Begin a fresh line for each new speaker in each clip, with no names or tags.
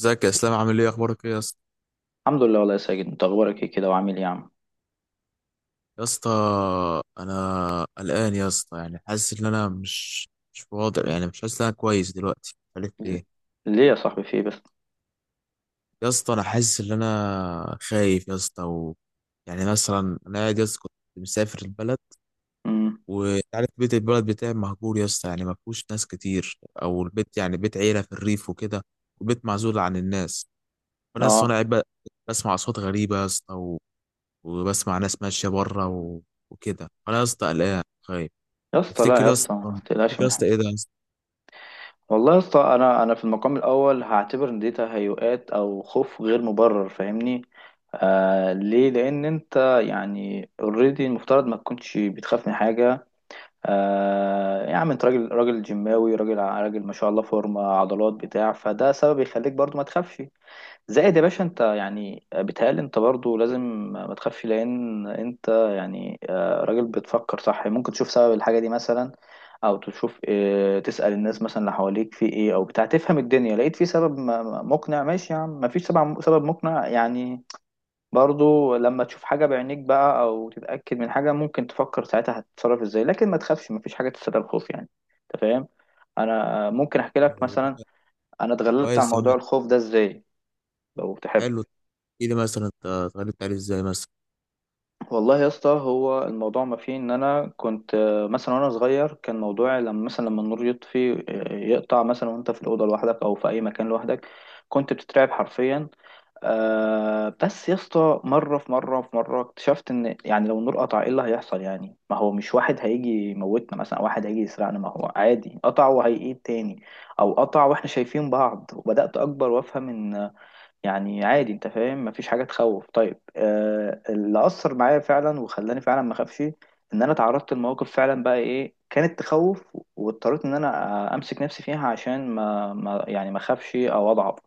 ازيك يا اسلام، عامل ايه، اخبارك ايه يا اسطى
الحمد لله، والله يا ساجد انت اخبارك ايه كده وعامل ايه يا عم؟
يا اسطى؟ انا قلقان يا اسطى، يعني حاسس ان انا مش واضح، يعني مش حاسس ان انا كويس دلوقتي، مش عارف
ل-
ليه.
ليه يا صاحبي، في ايه بس؟
يا اسطى انا حاسس ان انا خايف يا اسطى يعني مثلا انا قاعد يا اسطى، كنت مسافر البلد،
امم.
وعارف بيت البلد بتاعي مهجور يا اسطى، يعني ما فيهوش ناس كتير، او البيت يعني بيت عيله في الريف وكده، وبيت معزول عن الناس. فانا اصلا انا
اه،
قاعد ب- بسمع اصوات غريبه يا اسطى، وبسمع ناس ماشيه بره وكده انا يا اسطى قلقان خايف.
يا اسطى. لا
تفتكر
يا
يا اسطى؟
اسطى، ما تقلقش
تفتكر يا
من
اسطى
حاجه.
ايه ده يا اسطى؟
والله يا اسطى، انا في المقام الاول هعتبر ان دي تهيؤات او خوف غير مبرر، فاهمني؟ آه، ليه؟ لان انت يعني اوريدي المفترض ما تكونش بتخاف من حاجه. آه يا عم، انت راجل راجل جيماوي، راجل راجل ما شاء الله، فورمه عضلات بتاع، فده سبب يخليك برضو ما تخافش. زائد يا باشا، انت يعني بيتهيألي انت برضو لازم ما تخافش، لان انت يعني راجل بتفكر صح. ممكن تشوف سبب الحاجة دي مثلا، او تشوف تسأل الناس مثلا اللي حواليك في ايه، او بتاع تفهم الدنيا. لقيت في سبب مقنع؟ ماشي يا عم، مفيش سبب سبب مقنع يعني. برضو لما تشوف حاجة بعينيك بقى، او تتأكد من حاجة، ممكن تفكر ساعتها هتتصرف ازاي، لكن ما تخافش، مفيش حاجة تستدعي الخوف يعني. انت فاهم؟ انا ممكن احكي لك
هو ده
مثلا
كان.
انا اتغلبت على
كويس يا عم.
موضوع الخوف ده ازاي لو تحب.
حلو. تحكي لي مثلا انت اتغلبت عليه ازاي مثلا
والله يا اسطى، هو الموضوع ما فيه ان انا كنت مثلا وانا صغير كان موضوعي لما مثلا لما النور يطفي يقطع مثلا، وانت في الاوضه لوحدك او في اي مكان لوحدك كنت بتترعب حرفيا. آه، بس يا اسطى مره اكتشفت ان يعني لو النور قطع ايه اللي هيحصل يعني؟ ما هو مش واحد هيجي يموتنا مثلا او واحد هيجي يسرقنا، ما هو عادي، قطع وهيقيد تاني، او قطع واحنا شايفين بعض. وبدات اكبر وافهم ان يعني عادي، انت فاهم، مفيش حاجه تخوف. طيب آه، اللي اثر معايا فعلا وخلاني فعلا ما اخافش، ان انا تعرضت لمواقف فعلا بقى ايه كانت تخوف، واضطريت ان انا امسك نفسي فيها عشان ما يعني ما اخافش او اضعف.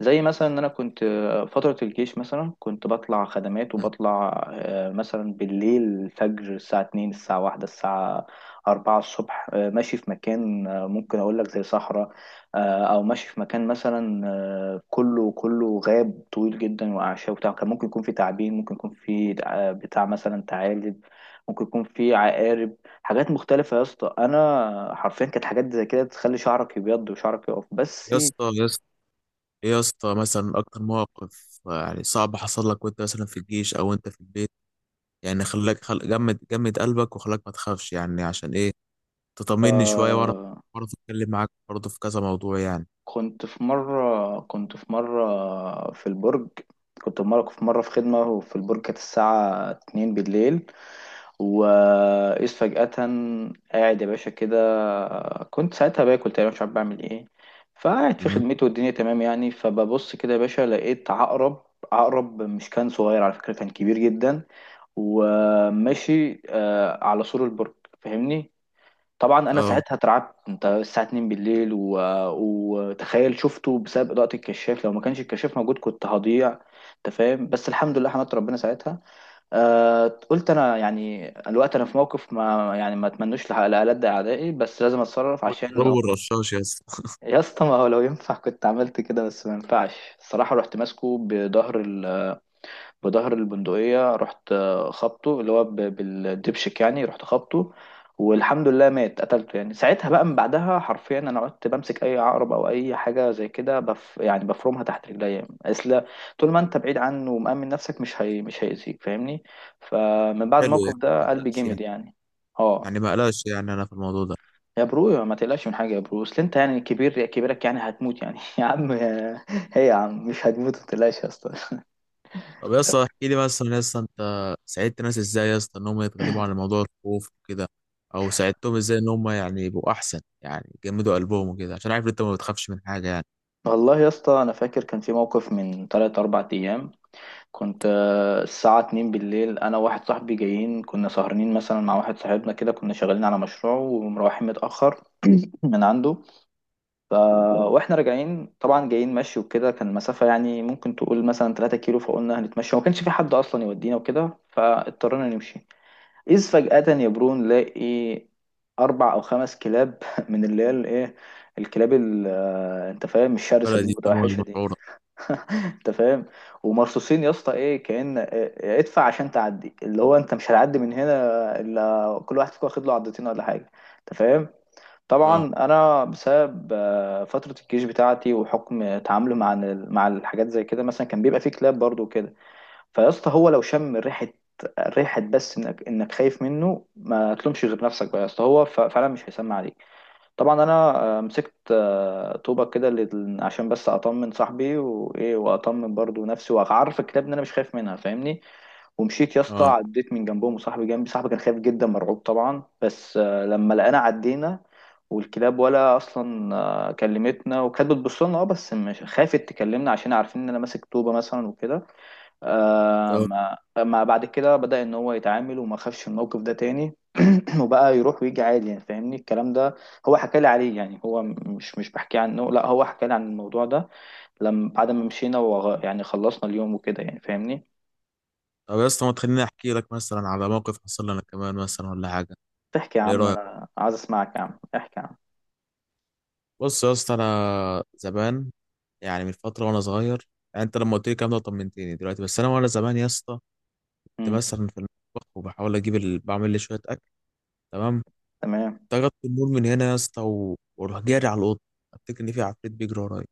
زي مثلا ان انا كنت فترة الجيش مثلا، كنت بطلع خدمات وبطلع مثلا بالليل، الفجر، الساعة 2 الساعة 1 الساعة 4 الصبح، ماشي في مكان ممكن اقول لك زي صحراء، او ماشي في مكان مثلا كله كله غاب طويل جدا واعشاب وبتاع. كان ممكن يكون في تعابين، ممكن يكون في بتاع مثلا ثعالب، ممكن يكون في عقارب، حاجات مختلفة يا اسطى. انا حرفيا كانت حاجات زي كده تخلي شعرك يبيض وشعرك يقف بس.
يا اسطى يا اسطى؟ ايه يا اسطى مثلا اكتر موقف يعني صعب حصل لك، وانت مثلا في الجيش او انت في البيت، يعني خلاك جمد قلبك وخلاك ما تخافش، يعني عشان ايه؟ تطمني شويه واعرف.
آه،
اتكلم معاك برضه في كذا موضوع يعني.
كنت في مرة في البرج. كنت في مرة في مرة في خدمة، وفي البرج كانت الساعة اتنين بالليل، وإذ فجأة قاعد يا باشا كده. كنت ساعتها باكل تقريبا، مش عارف بعمل ايه، فقاعد في
امم.
خدمته والدنيا تمام يعني. فببص كده يا باشا لقيت عقرب. عقرب مش كان صغير على فكرة، كان كبير جدا، وماشي على سور البرج، فاهمني؟ طبعا انا
اه.
ساعتها اترعبت، انت الساعه 2 بالليل و... وتخيل شفته بسبب اضاءه الكشاف، لو ما كانش الكشاف موجود كنت هضيع. انت فاهم؟ بس الحمد لله، حمدت ربنا ساعتها. آه... قلت انا يعني الوقت انا في موقف ما يعني، ما اتمنوش لألد اعدائي، بس لازم اتصرف
كنت
عشان لو
بدور رشاش يا اسطى.
يا اسطى ما هو لو ينفع كنت عملت كده، بس ما ينفعش الصراحه. رحت ماسكه بظهر البندقية، رحت خبطه اللي هو بالدبشك يعني، رحت خبطه والحمد لله مات، قتلته يعني ساعتها. بقى من بعدها حرفيا انا قعدت بمسك اي عقرب او اي حاجه زي كده بف، يعني بفرمها تحت رجليا. اصل طول ما انت بعيد عنه ومأمن نفسك، مش هيأذيك، فاهمني؟ فمن بعد
حلو يعني،
الموقف
ما
ده قلبي
تقلقش،
جامد يعني. اه.
يعني ما قلقش يعني انا في الموضوع ده.
يا برو ما تقلقش من حاجه يا برو، اصل انت يعني كبير، كبيرك يعني هتموت يعني هي يا عم، مش هتموت، ما تقلقش يا اسطى
طب يا اسطى احكي لي مثلا يا اسطى، انت ساعدت ناس ازاي يا اسطى ان هم يتغلبوا على موضوع الخوف وكده، او ساعدتهم ازاي ان هم يعني يبقوا احسن، يعني يجمدوا قلبهم وكده، عشان عارف إن انت ما بتخافش من حاجه يعني.
والله يا اسطى انا فاكر كان في موقف من 3 4 ايام. كنت الساعه 2 بالليل، انا وواحد صاحبي جايين، كنا سهرانين مثلا مع واحد صاحبنا كده، كنا شغالين على مشروع ومروحين متاخر من عنده. ف... واحنا راجعين طبعا جايين مشي وكده، كان المسافه يعني ممكن تقول مثلا 3 كيلو، فقلنا هنتمشى، وما كانش في حد اصلا يودينا وكده، فاضطرينا نمشي. اذ فجاه يا برو نلاقي اربع او خمس كلاب من اللي هي الايه، الكلاب آه، انت فاهم، الشرسه دي،
بلدي طموح
المتوحشه دي.
المشعوره.
انت فاهم؟ ومرصوصين يا اسطى، ايه كأن ادفع عشان تعدي، اللي هو انت مش هتعدي من هنا الا كل واحد فيكم واخد له عضتين ولا حاجه. انت فاهم؟
اه.
طبعا انا بسبب فتره الجيش بتاعتي وحكم تعامله مع مع الحاجات زي كده، مثلا كان بيبقى فيه كلاب برضو وكده، فيا اسطى هو لو شم ريحه، ريحه بس انك خايف منه ما تلومش غير نفسك بقى يا اسطى، هو فعلا مش هيسمع عليك. طبعا انا مسكت طوبة كده عشان بس اطمن صاحبي وايه، واطمن برضو نفسي وعارف الكتاب ان انا مش خايف منها، فاهمني. ومشيت يا اسطى،
اه.
عديت من جنبهم وصاحبي جنبي، صاحبي كان خايف جدا مرعوب طبعا، بس آه، لما لقينا عدينا، والكلاب ولا اصلا كلمتنا، وكانت بتبص لنا اه، بس مش خافت تكلمنا عشان عارفين ان انا ماسك طوبه مثلا وكده.
اه.
ما بعد كده بدأ ان هو يتعامل وما خافش الموقف ده تاني وبقى يروح ويجي عادي يعني، فاهمني الكلام ده؟ هو حكى لي عليه يعني، هو مش بحكي عنه، لا هو حكى لي عن الموضوع ده لما بعد ما مشينا وغ... يعني خلصنا اليوم وكده يعني، فاهمني؟
طب يا اسطى ما تخليني احكي لك مثلا على موقف حصل لي انا كمان مثلا ولا حاجه؟
تحكي يا
ليه
عم،
رايك؟
انا عايز اسمعك يا عم، احكي يا عم.
بص يا اسطى انا زمان، يعني من فتره وانا صغير، يعني انت لما قلت لي الكلام ده طمنتني دلوقتي، بس انا وانا زمان يا اسطى كنت
امم.
مثلا في المطبخ وبحاول اجيب بعمل لي شويه، تمام.
تمام
طردت النور من هنا يا اسطى واروح جاري على الاوضه، افتكر ان في عفريت بيجري ورايا،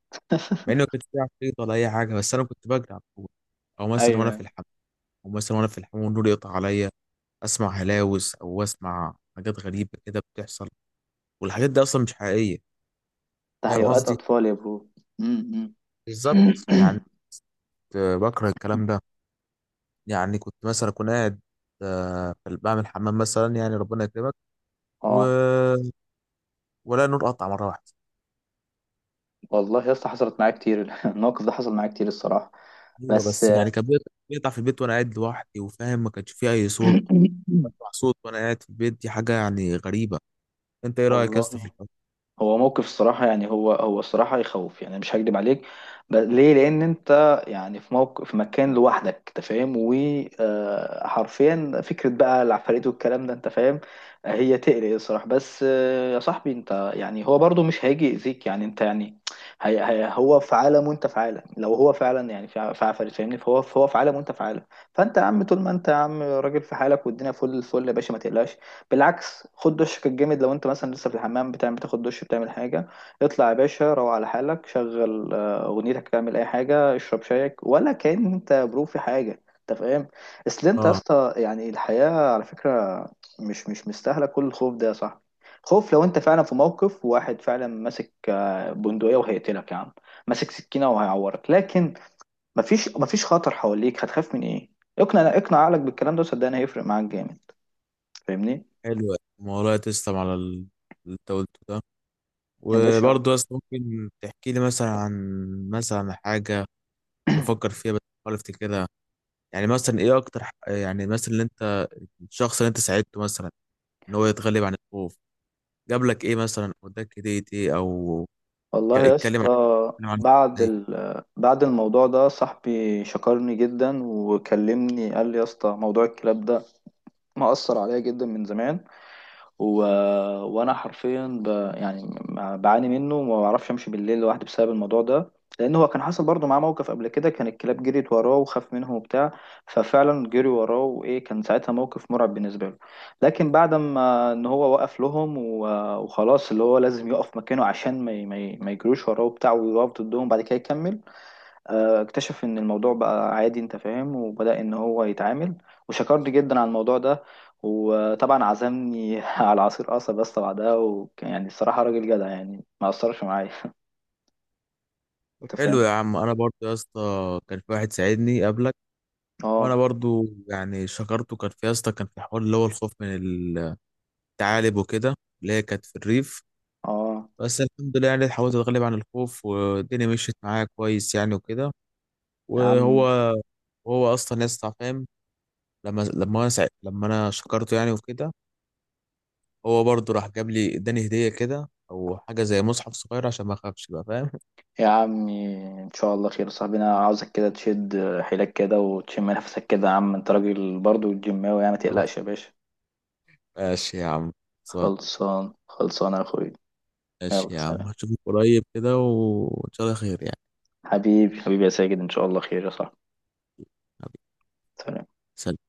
مع انه ما كانش في عفريت ولا اي حاجه، بس انا كنت بجري على طول. او
ايوه،
مثلا وانا في
أيوة.
الحمام، او مثلا وانا في الحمام والنور يقطع عليا، اسمع هلاوس او اسمع حاجات غريبه كده بتحصل، والحاجات دي اصلا مش حقيقيه. فاهم
تهيؤات
قصدي؟
اطفال يا برو. امم،
بالظبط
أمم.
يعني. كنت بكره الكلام ده. يعني كنت مثلا اكون قاعد بعمل حمام مثلا يعني ربنا يكرمك و...
اه.
ولا نور قطع مره واحده.
والله يا اسطى حصلت معايا كتير الموقف ده حصل معايا كتير الصراحه
ايوه،
بس.
بس يعني كان بيقطع بيقطع في البيت وانا قاعد لوحدي، وفاهم ما كانش فيه اي صوت. بسمع صوت وانا قاعد في البيت، دي حاجه يعني غريبه. انت ايه رايك يا اسطى في
والله
الحوار؟
هو موقف الصراحة يعني، هو الصراحة يخوف يعني، مش هكدب عليك. ليه؟ لأن أنت يعني في موقف في مكان لوحدك، أنت فاهم، وحرفيا فكرة بقى العفاريت والكلام ده، أنت فاهم. آه، هي تقلق الصراحة بس آه، يا صاحبي أنت يعني هو برضو مش هيجي يأذيك يعني، أنت يعني هي هي هو في عالم وأنت في عالم. لو هو فعلا يعني في في عفاريت، فاهمني، فهو في عالم وأنت في عالم. فأنت يا عم، طول ما أنت يا عم راجل في حالك والدنيا فل الفل يا باشا، ما تقلقش. بالعكس، خد دشك الجامد لو انت مثلا لسه في الحمام، بتعمل بتاخد دش بتعمل حاجه، اطلع يا باشا، روح على حالك، شغل اغنيتك، اعمل اي حاجه، اشرب شايك، ولا كان انت برو في حاجه، انت فاهم. اصل انت يا
اه.
اسطى يعني الحياه على فكره مش مستاهله كل الخوف ده يا صاحبي. خوف لو انت فعلا في موقف، واحد فعلا ماسك بندقيه وهيقتلك يا عم، ماسك سكينه وهيعورك، لكن مفيش خطر حواليك، هتخاف من ايه؟ اقنع اقنع عقلك بالكلام ده، صدقني هيفرق معاك جامد، فاهمني
حلو الموضوع، تسلم على اللي انت قلته ده.
يا باشا.
وبرضه يا اسطى ممكن تحكي لي مثلا عن مثلا حاجه تفكر فيها بس بتحاول افتكرها؟ يعني مثلا ايه اكتر يعني مثلا اللي انت، الشخص اللي انت ساعدته مثلا ان هو يتغلب عن الخوف جاب لك ايه مثلا، او اداك هديه ايه، او
والله يا
اتكلم عن
اسطى
اتكلم عن
بعد
إيه؟
ال... بعد الموضوع ده صاحبي شكرني جدا وكلمني، قال لي يا اسطى موضوع الكلاب ده مأثر عليا جدا من زمان. و... وانا حرفيا ب... يعني بعاني منه وما بعرفش امشي بالليل لوحدي بسبب الموضوع ده، لان هو كان حصل برضه معاه موقف قبل كده، كان الكلاب جريت وراه وخاف منهم وبتاع. ففعلا جري وراه وايه، كان ساعتها موقف مرعب بالنسبه له. لكن بعد ما ان هو وقف لهم و... وخلاص اللي هو لازم يقف مكانه عشان ما يجروش وراه وبتاع ويقف ضدهم، بعد كده يكمل. آه، اكتشف ان الموضوع بقى عادي، انت فاهم، وبدأ ان هو يتعامل، وشكرني جدا على الموضوع ده. وطبعا عزمني على عصير قصب بس بعدها، وكان يعني الصراحة راجل جدع يعني، ما أثرش معايا
طب
انت
حلو
فاهم.
يا عم. انا برضو يا اسطى كان في واحد ساعدني قبلك، وانا
اه.
برضو يعني شكرته. كان في يا اسطى كان في حوار اللي هو الخوف من الثعالب وكده، اللي هي كانت في الريف،
اه
بس الحمد لله يعني حاولت اتغلب عن الخوف والدنيا مشيت معايا كويس يعني وكده.
يا
وهو
عم،
هو اصلا يا اسطى فاهم. لما انا شكرته يعني وكده، هو برضو راح جاب لي اداني هديه كده، او حاجه زي مصحف صغير عشان ما اخافش بقى فاهم.
يا عمي ان شاء الله خير. صاحبنا عاوزك كده تشد حيلك كده وتشم نفسك كده يا عم، انت راجل برضو جيماوي يعني، ما
خلاص،
تقلقش يا باشا.
ماشي يا عم.
خلصان خلصان يا اخوي،
ماشي
يلا
يا عم،
سلام.
هشوفك قريب كده وإن شاء الله خير يعني.
حبيبي حبيبي يا ساجد، ان شاء الله خير يا صاحبي.
حبيبي.
سلام.
سلام.